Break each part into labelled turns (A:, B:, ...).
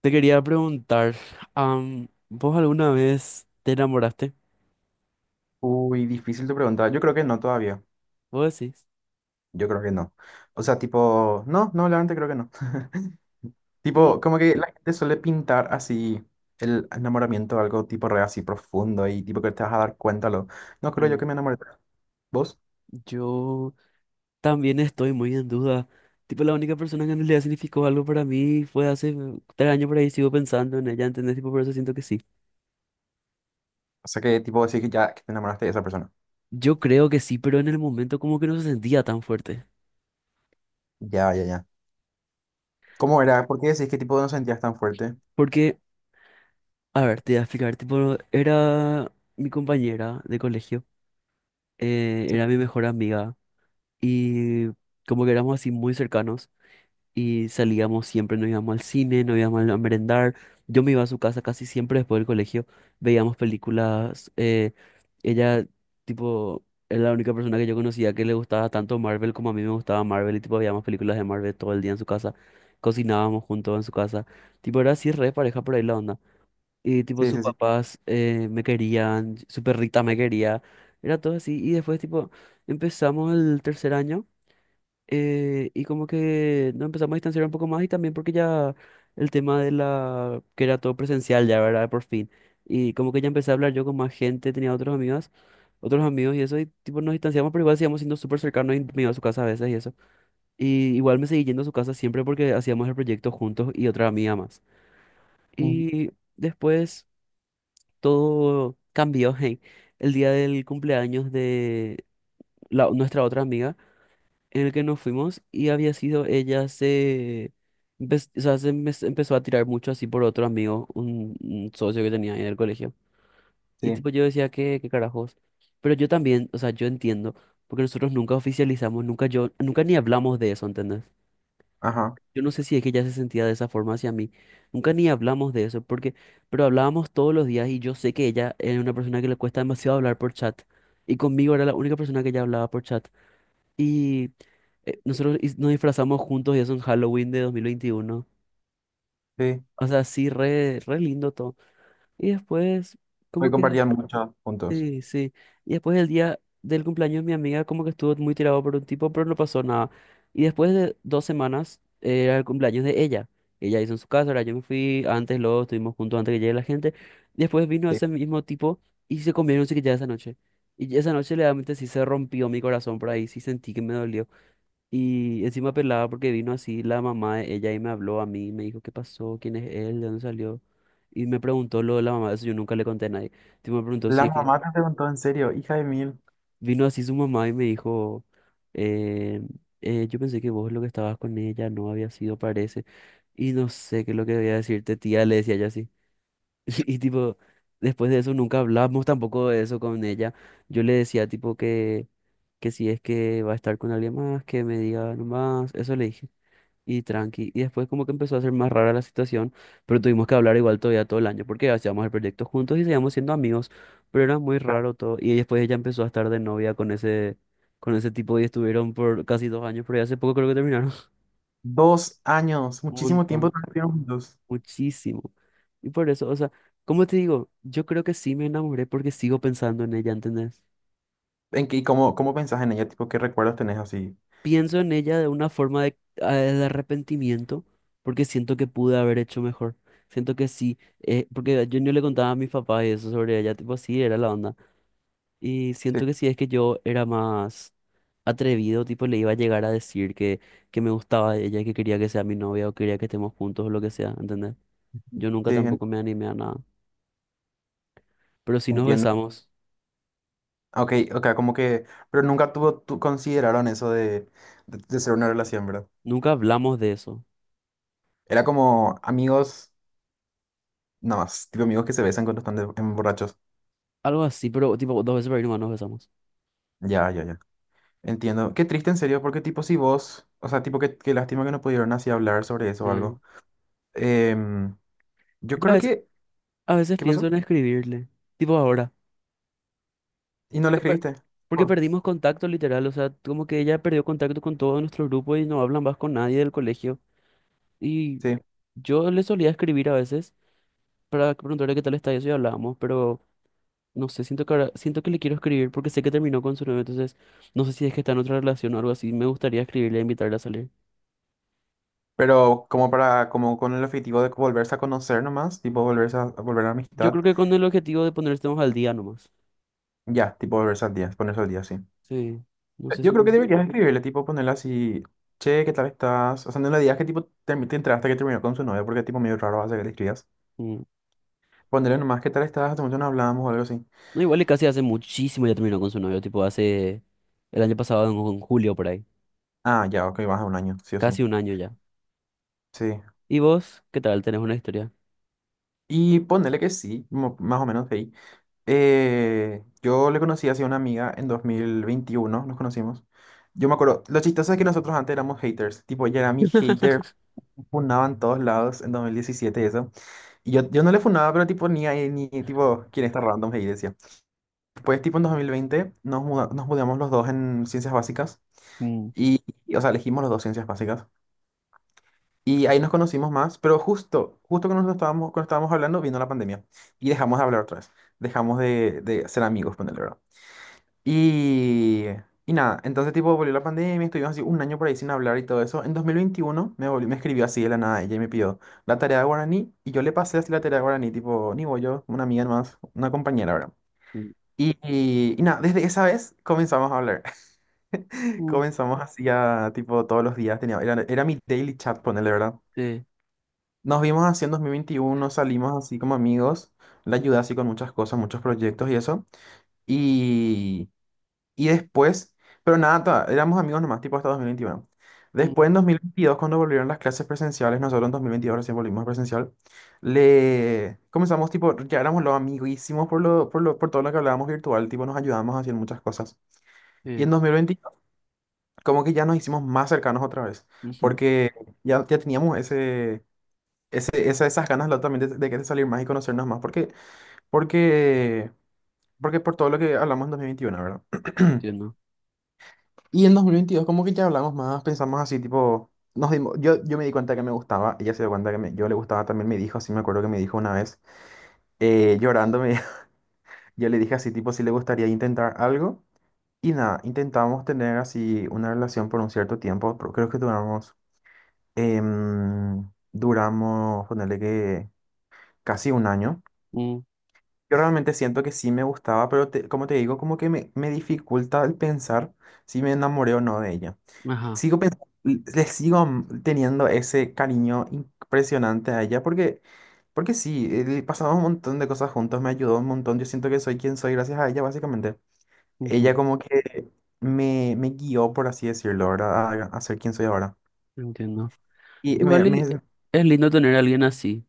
A: Te quería preguntar, ¿vos alguna vez te enamoraste?
B: Uy, difícil tu pregunta. Yo creo que no todavía.
A: ¿Vos decís?
B: Yo creo que no. O sea, tipo, no, no, la creo que no.
A: Y
B: Tipo, como que la gente suele pintar así el enamoramiento, algo tipo re así profundo y tipo que te vas a dar cuenta. No creo yo que
A: mm,
B: me enamoré. ¿Vos?
A: yo también estoy muy en duda. Tipo, la única persona que en realidad significó algo para mí fue hace 3 años por ahí, sigo pensando en ella, ¿entendés? Tipo, por eso siento que sí.
B: O sea, que tipo decís que ya que te enamoraste de esa persona.
A: Yo creo que sí, pero en el momento como que no se sentía tan fuerte.
B: Ya, ya, ya. ¿Cómo era? ¿Por qué decís que tipo no sentías tan fuerte?
A: Porque, a ver, te voy a explicar, tipo, era mi compañera de colegio, era mi mejor amiga y como que éramos así muy cercanos. Y salíamos siempre, nos íbamos al cine, nos íbamos a merendar. Yo me iba a su casa casi siempre después del colegio, veíamos películas. Ella, tipo, era la única persona que yo conocía que le gustaba tanto Marvel como a mí me gustaba Marvel y, tipo, veíamos películas de Marvel todo el día en su casa. Cocinábamos juntos en su casa. Tipo, era así re pareja por ahí la onda. Y, tipo,
B: Sí,
A: sus
B: sí, sí. Sí.
A: papás me querían, su perrita me quería. Era todo así. Y después, tipo, empezamos el tercer año. Y como que nos empezamos a distanciar un poco más y también porque ya el tema que era todo presencial ya, ¿verdad? Por fin. Y como que ya empecé a hablar yo con más gente, tenía otros amigos y eso, y tipo nos distanciamos, pero igual seguíamos siendo súper cercanos y me iba a su casa a veces y eso. Y igual me seguí yendo a su casa siempre porque hacíamos el proyecto juntos y otra amiga más.
B: Ujú.
A: Y después todo cambió, hey, el día del cumpleaños de nuestra otra amiga en el que nos fuimos y había sido ella o sea, se empezó a tirar mucho así por otro amigo, un socio que tenía ahí en el colegio. Y
B: Sí,
A: tipo yo decía, ¿ qué carajos? Pero yo también, o sea, yo entiendo, porque nosotros nunca oficializamos, nunca ni hablamos de eso, ¿entendés?
B: ajá.
A: Yo no sé si es que ella se sentía de esa forma hacia mí. Nunca ni hablamos de eso, pero hablábamos todos los días y yo sé que ella es una persona que le cuesta demasiado hablar por chat. Y conmigo era la única persona que ella hablaba por chat. Y nos disfrazamos juntos y eso en Halloween de 2021.
B: Sí.
A: O sea, sí, re, re lindo todo. Y después,
B: Hoy
A: como que,
B: compartían muchos puntos.
A: sí, sí. Y después el día del cumpleaños de mi amiga como que estuvo muy tirado por un tipo, pero no pasó nada. Y después de 2 semanas era el cumpleaños de ella. Ella hizo en su casa, ahora yo me fui antes, luego estuvimos juntos antes que llegue la gente. Después vino
B: Sí.
A: ese mismo tipo y se comieron que ya esa noche. Y esa noche, realmente sí se rompió mi corazón por ahí, sí sentí que me dolió. Y encima pelada porque vino así la mamá de ella y me habló a mí, me dijo qué pasó, quién es él, de dónde salió. Y me preguntó lo de la mamá, eso yo nunca le conté a nadie. Tipo, me preguntó si
B: La
A: es que
B: mamá te preguntó en serio, hija de mil.
A: vino así su mamá y me dijo, eh, yo pensé que vos lo que estabas con ella no había sido, parece. Y no sé qué es lo que debía decirte, tía, le decía ella así. Y, tipo, después de eso nunca hablamos tampoco de eso con ella. Yo le decía tipo que si es que va a estar con alguien más, que me diga nomás, eso le dije. Y tranqui. Y después como que empezó a ser más rara la situación, pero tuvimos que hablar igual todavía todo el año, porque hacíamos el proyecto juntos y seguíamos siendo amigos, pero era muy raro todo. Y después ella empezó a estar de novia con ese tipo y estuvieron por casi 2 años, pero ya hace poco creo que terminaron.
B: 2 años,
A: Un
B: muchísimo tiempo
A: montón,
B: estuvieron juntos.
A: muchísimo. Y por eso, o sea, como te digo, yo creo que sí me enamoré porque sigo pensando en ella, ¿entendés?
B: ¿En qué, y cómo pensás en ella? Tipo, ¿qué recuerdos tenés así?
A: Pienso en ella de una forma de, de arrepentimiento, porque siento que pude haber hecho mejor. Siento que sí, porque yo no le contaba a mis papás y eso sobre ella, tipo así era la onda. Y
B: Sí,
A: siento que sí, es que yo era más atrevido, tipo le iba a llegar a decir que me gustaba de ella, que quería que sea mi novia o quería que estemos juntos o lo que sea, ¿entendés? Yo
B: sí,
A: nunca tampoco me animé a nada. Pero sí nos
B: entiendo.
A: besamos,
B: Ok, ok, como que, pero nunca tuvo, consideraron eso de ser una relación, ¿verdad?
A: nunca hablamos de eso.
B: Era como amigos, nada más, tipo amigos que se besan cuando están en borrachos.
A: Algo así, pero tipo 2 veces por ahí nomás nos besamos.
B: Ya, ya, ya. Entiendo. Qué triste, en serio, porque tipo si vos, o sea, tipo, qué lástima que no pudieron así hablar sobre eso o
A: Eh,
B: algo. Em, yo
A: ya
B: creo
A: ves,
B: que,
A: a veces
B: ¿qué
A: pienso
B: pasó?
A: en escribirle, tipo ahora,
B: ¿Y no le
A: porque, per-
B: escribiste?
A: porque
B: Oh,
A: perdimos contacto literal, o sea, como que ella perdió contacto con todo nuestro grupo y no hablan más con nadie del colegio. Y
B: sí.
A: yo le solía escribir a veces para preguntarle qué tal está y eso y hablábamos, pero no sé, siento que siento que le quiero escribir porque sé que terminó con su novio, entonces no sé si es que está en otra relación o algo así, me gustaría escribirle e invitarla a salir.
B: Pero como para, como con el objetivo de volverse a conocer nomás, tipo volver a
A: Yo
B: amistad,
A: creo que con el objetivo de ponernos al día nomás.
B: ya, tipo ponerse al día sí.
A: Sí, no sé
B: Yo creo que
A: si...
B: deberías escribirle, tipo ponerle así, che, ¿qué tal estás? O sea, no le digas que tipo te enteraste que terminó con su novia, porque tipo medio raro hace que le escribas.
A: Mm.
B: Ponerle nomás, ¿qué tal estás? Hace mucho no hablábamos o algo así.
A: No, igual y casi hace muchísimo ya terminó con su novio, tipo hace el año pasado, en julio por ahí.
B: Ah, ya, ok, vas a un año, sí o
A: Casi
B: sí.
A: un año ya.
B: Sí.
A: ¿Y vos? ¿Qué tal? ¿Tenés una historia?
B: Y ponerle que sí, más o menos ahí. Yo le conocí hacia una amiga en 2021 nos conocimos. Yo me acuerdo, lo chistoso es que nosotros antes éramos haters, tipo, ella era mi hater, me funaba en todos lados en 2017 y eso. Y yo no le funaba, pero tipo, ni ahí, ni tipo, quién está random, hey, decía. Después, tipo, en 2020 nos mudamos los dos en ciencias básicas,
A: Mm,
B: y, o sea, elegimos los dos ciencias básicas. Y ahí nos conocimos más, pero justo, justo cuando estábamos hablando, vino la pandemia, y dejamos de hablar otra vez, dejamos de ser amigos, ponele. Y, y nada, entonces tipo volvió la pandemia, estuvimos así un año por ahí sin hablar y todo eso. En 2021 me escribió así de la nada ella y me pidió la tarea de guaraní y yo le pasé así la tarea de guaraní, tipo, ni voy yo, una amiga más, una compañera, ¿verdad?
A: mm,
B: Y nada, desde esa vez comenzamos a hablar.
A: mm,
B: Comenzamos así a, tipo, todos los días, era mi daily chat, ponele, ¿verdad?
A: sí,
B: Nos vimos así en 2021 salimos así como amigos, la ayudé así con muchas cosas, muchos proyectos y eso. Y después, pero nada, éramos amigos nomás, tipo hasta 2021.
A: mm,
B: Después, en 2022 cuando volvieron las clases presenciales, nosotros en 2022 recién volvimos presencial, le comenzamos, tipo, ya éramos los amiguísimos por todo lo que hablábamos virtual, tipo, nos ayudábamos a hacer muchas cosas. Y
A: sí,
B: en 2022 como que ya nos hicimos más cercanos otra vez,
A: ujú,
B: porque ya teníamos ese, esas ganas también de salir más y conocernos más, porque, porque por todo lo que hablamos en 2021, ¿verdad?
A: entiendo.
B: Y en 2022, como que ya hablamos más, pensamos así, tipo, yo me di cuenta que me gustaba, ella se dio cuenta que yo le gustaba, también me dijo, así me acuerdo que me dijo una vez, llorando, yo le dije así, tipo, si le gustaría intentar algo. Y nada, intentamos tener así una relación por un cierto tiempo, pero creo que duramos, ponerle que casi un año.
A: Mm,
B: Yo realmente siento que sí me gustaba, pero como te digo, como que me dificulta el pensar si me enamoré o no de ella.
A: ajá,
B: Sigo pensando, le sigo teniendo ese cariño impresionante a ella porque sí, pasamos un montón de cosas juntos, me ayudó un montón, yo siento que soy quien soy gracias a ella, básicamente. Ella
A: ujú,
B: como que me guió, por así decirlo, ¿verdad? A ser quien soy ahora.
A: entiendo.
B: Y me,
A: Igual y
B: me-
A: es lindo tener a alguien así.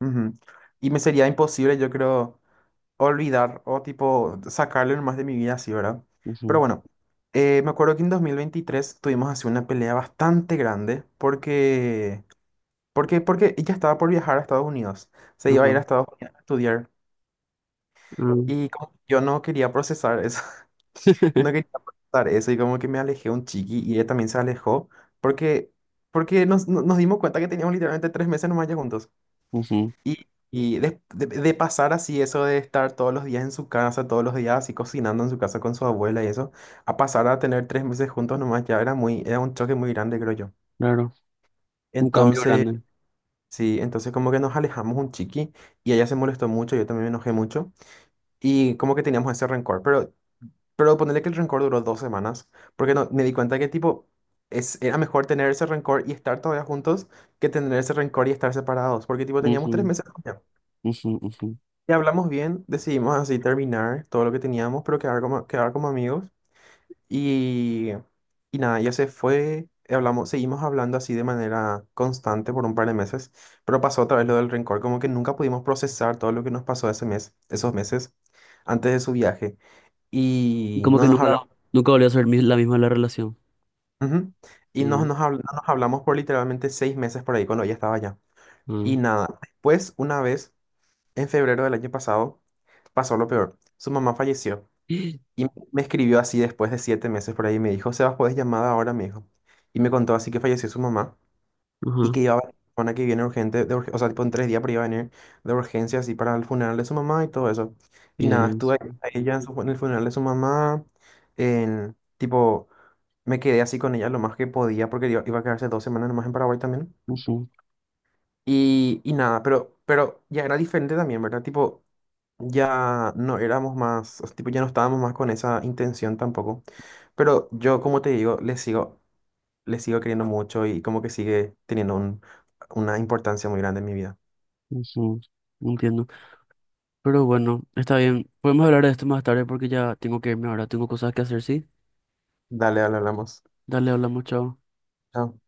B: ujú. Y me sería imposible, yo creo, olvidar o tipo sacarle más de mi vida así, ¿verdad? Pero
A: Ujú,
B: bueno, me acuerdo que en 2023 tuvimos así una pelea bastante grande. Porque ella estaba por viajar a Estados Unidos. Se iba a ir a
A: ajá,
B: Estados Unidos a estudiar.
A: mm,
B: Y como yo no quería procesar eso. No quería procesar eso. Y como que me alejé un chiqui. Y ella también se alejó. Porque, porque nos, no- nos dimos cuenta que teníamos literalmente 3 meses nomás ya juntos.
A: ujú,
B: Y de pasar así, eso de estar todos los días en su casa, todos los días así cocinando en su casa con su abuela y eso, a pasar a tener 3 meses juntos nomás ya era un choque muy grande, creo yo.
A: claro, un cambio
B: Entonces.
A: grande.
B: Sí, entonces como que nos alejamos un chiqui y ella se molestó mucho, yo también me enojé mucho y como que teníamos ese rencor, pero ponerle que el rencor duró 2 semanas porque no, me di cuenta que tipo era mejor tener ese rencor y estar todavía juntos que tener ese rencor y estar separados, porque tipo teníamos
A: Ujú,
B: 3 meses de novia.
A: ujú, ujú.
B: Y hablamos bien, decidimos así terminar todo lo que teníamos, pero quedar como amigos y, y nada, ya se fue, hablamos, seguimos hablando así de manera constante por un par de meses, pero pasó otra vez lo del rencor, como que nunca pudimos procesar todo lo que nos pasó ese mes, esos meses antes de su viaje. Y
A: Como
B: no
A: que
B: nos
A: nunca,
B: hablamos.
A: nunca volvió a ser la misma la relación.
B: Ujú. Y
A: Sí,
B: no nos hablamos por literalmente 6 meses por ahí cuando ella estaba allá. Y
A: ah,
B: nada, después, una vez, en febrero del año pasado, pasó lo peor. Su mamá falleció. Y me escribió así después de 7 meses por ahí, me dijo, Sebas, ¿puedes llamada ahora? Me dijo. Y me contó así que falleció su mamá y
A: ajá.
B: que iba a venir la semana que viene urgente, o sea, tipo en 3 días, pero iba a venir de urgencia así para el funeral de su mamá y todo eso. Y nada,
A: Bien,
B: estuve ahí
A: sí.
B: a ella en el funeral de su mamá, en, tipo, me quedé así con ella lo más que podía porque iba a quedarse 2 semanas nomás en Paraguay también.
A: Ujú,
B: Y nada, pero ya era diferente también, ¿verdad? Tipo, ya no éramos más, o sea, tipo, ya no estábamos más con esa intención tampoco. Pero yo, como te digo, le sigo queriendo mucho y como que sigue teniendo una importancia muy grande en mi vida.
A: ujú, entiendo. Pero bueno, está bien. Podemos hablar de esto más tarde porque ya tengo que irme ahora. Tengo cosas que hacer, ¿sí?
B: Dale, dale, hablamos.
A: Dale, hablamos, chao.
B: Chao.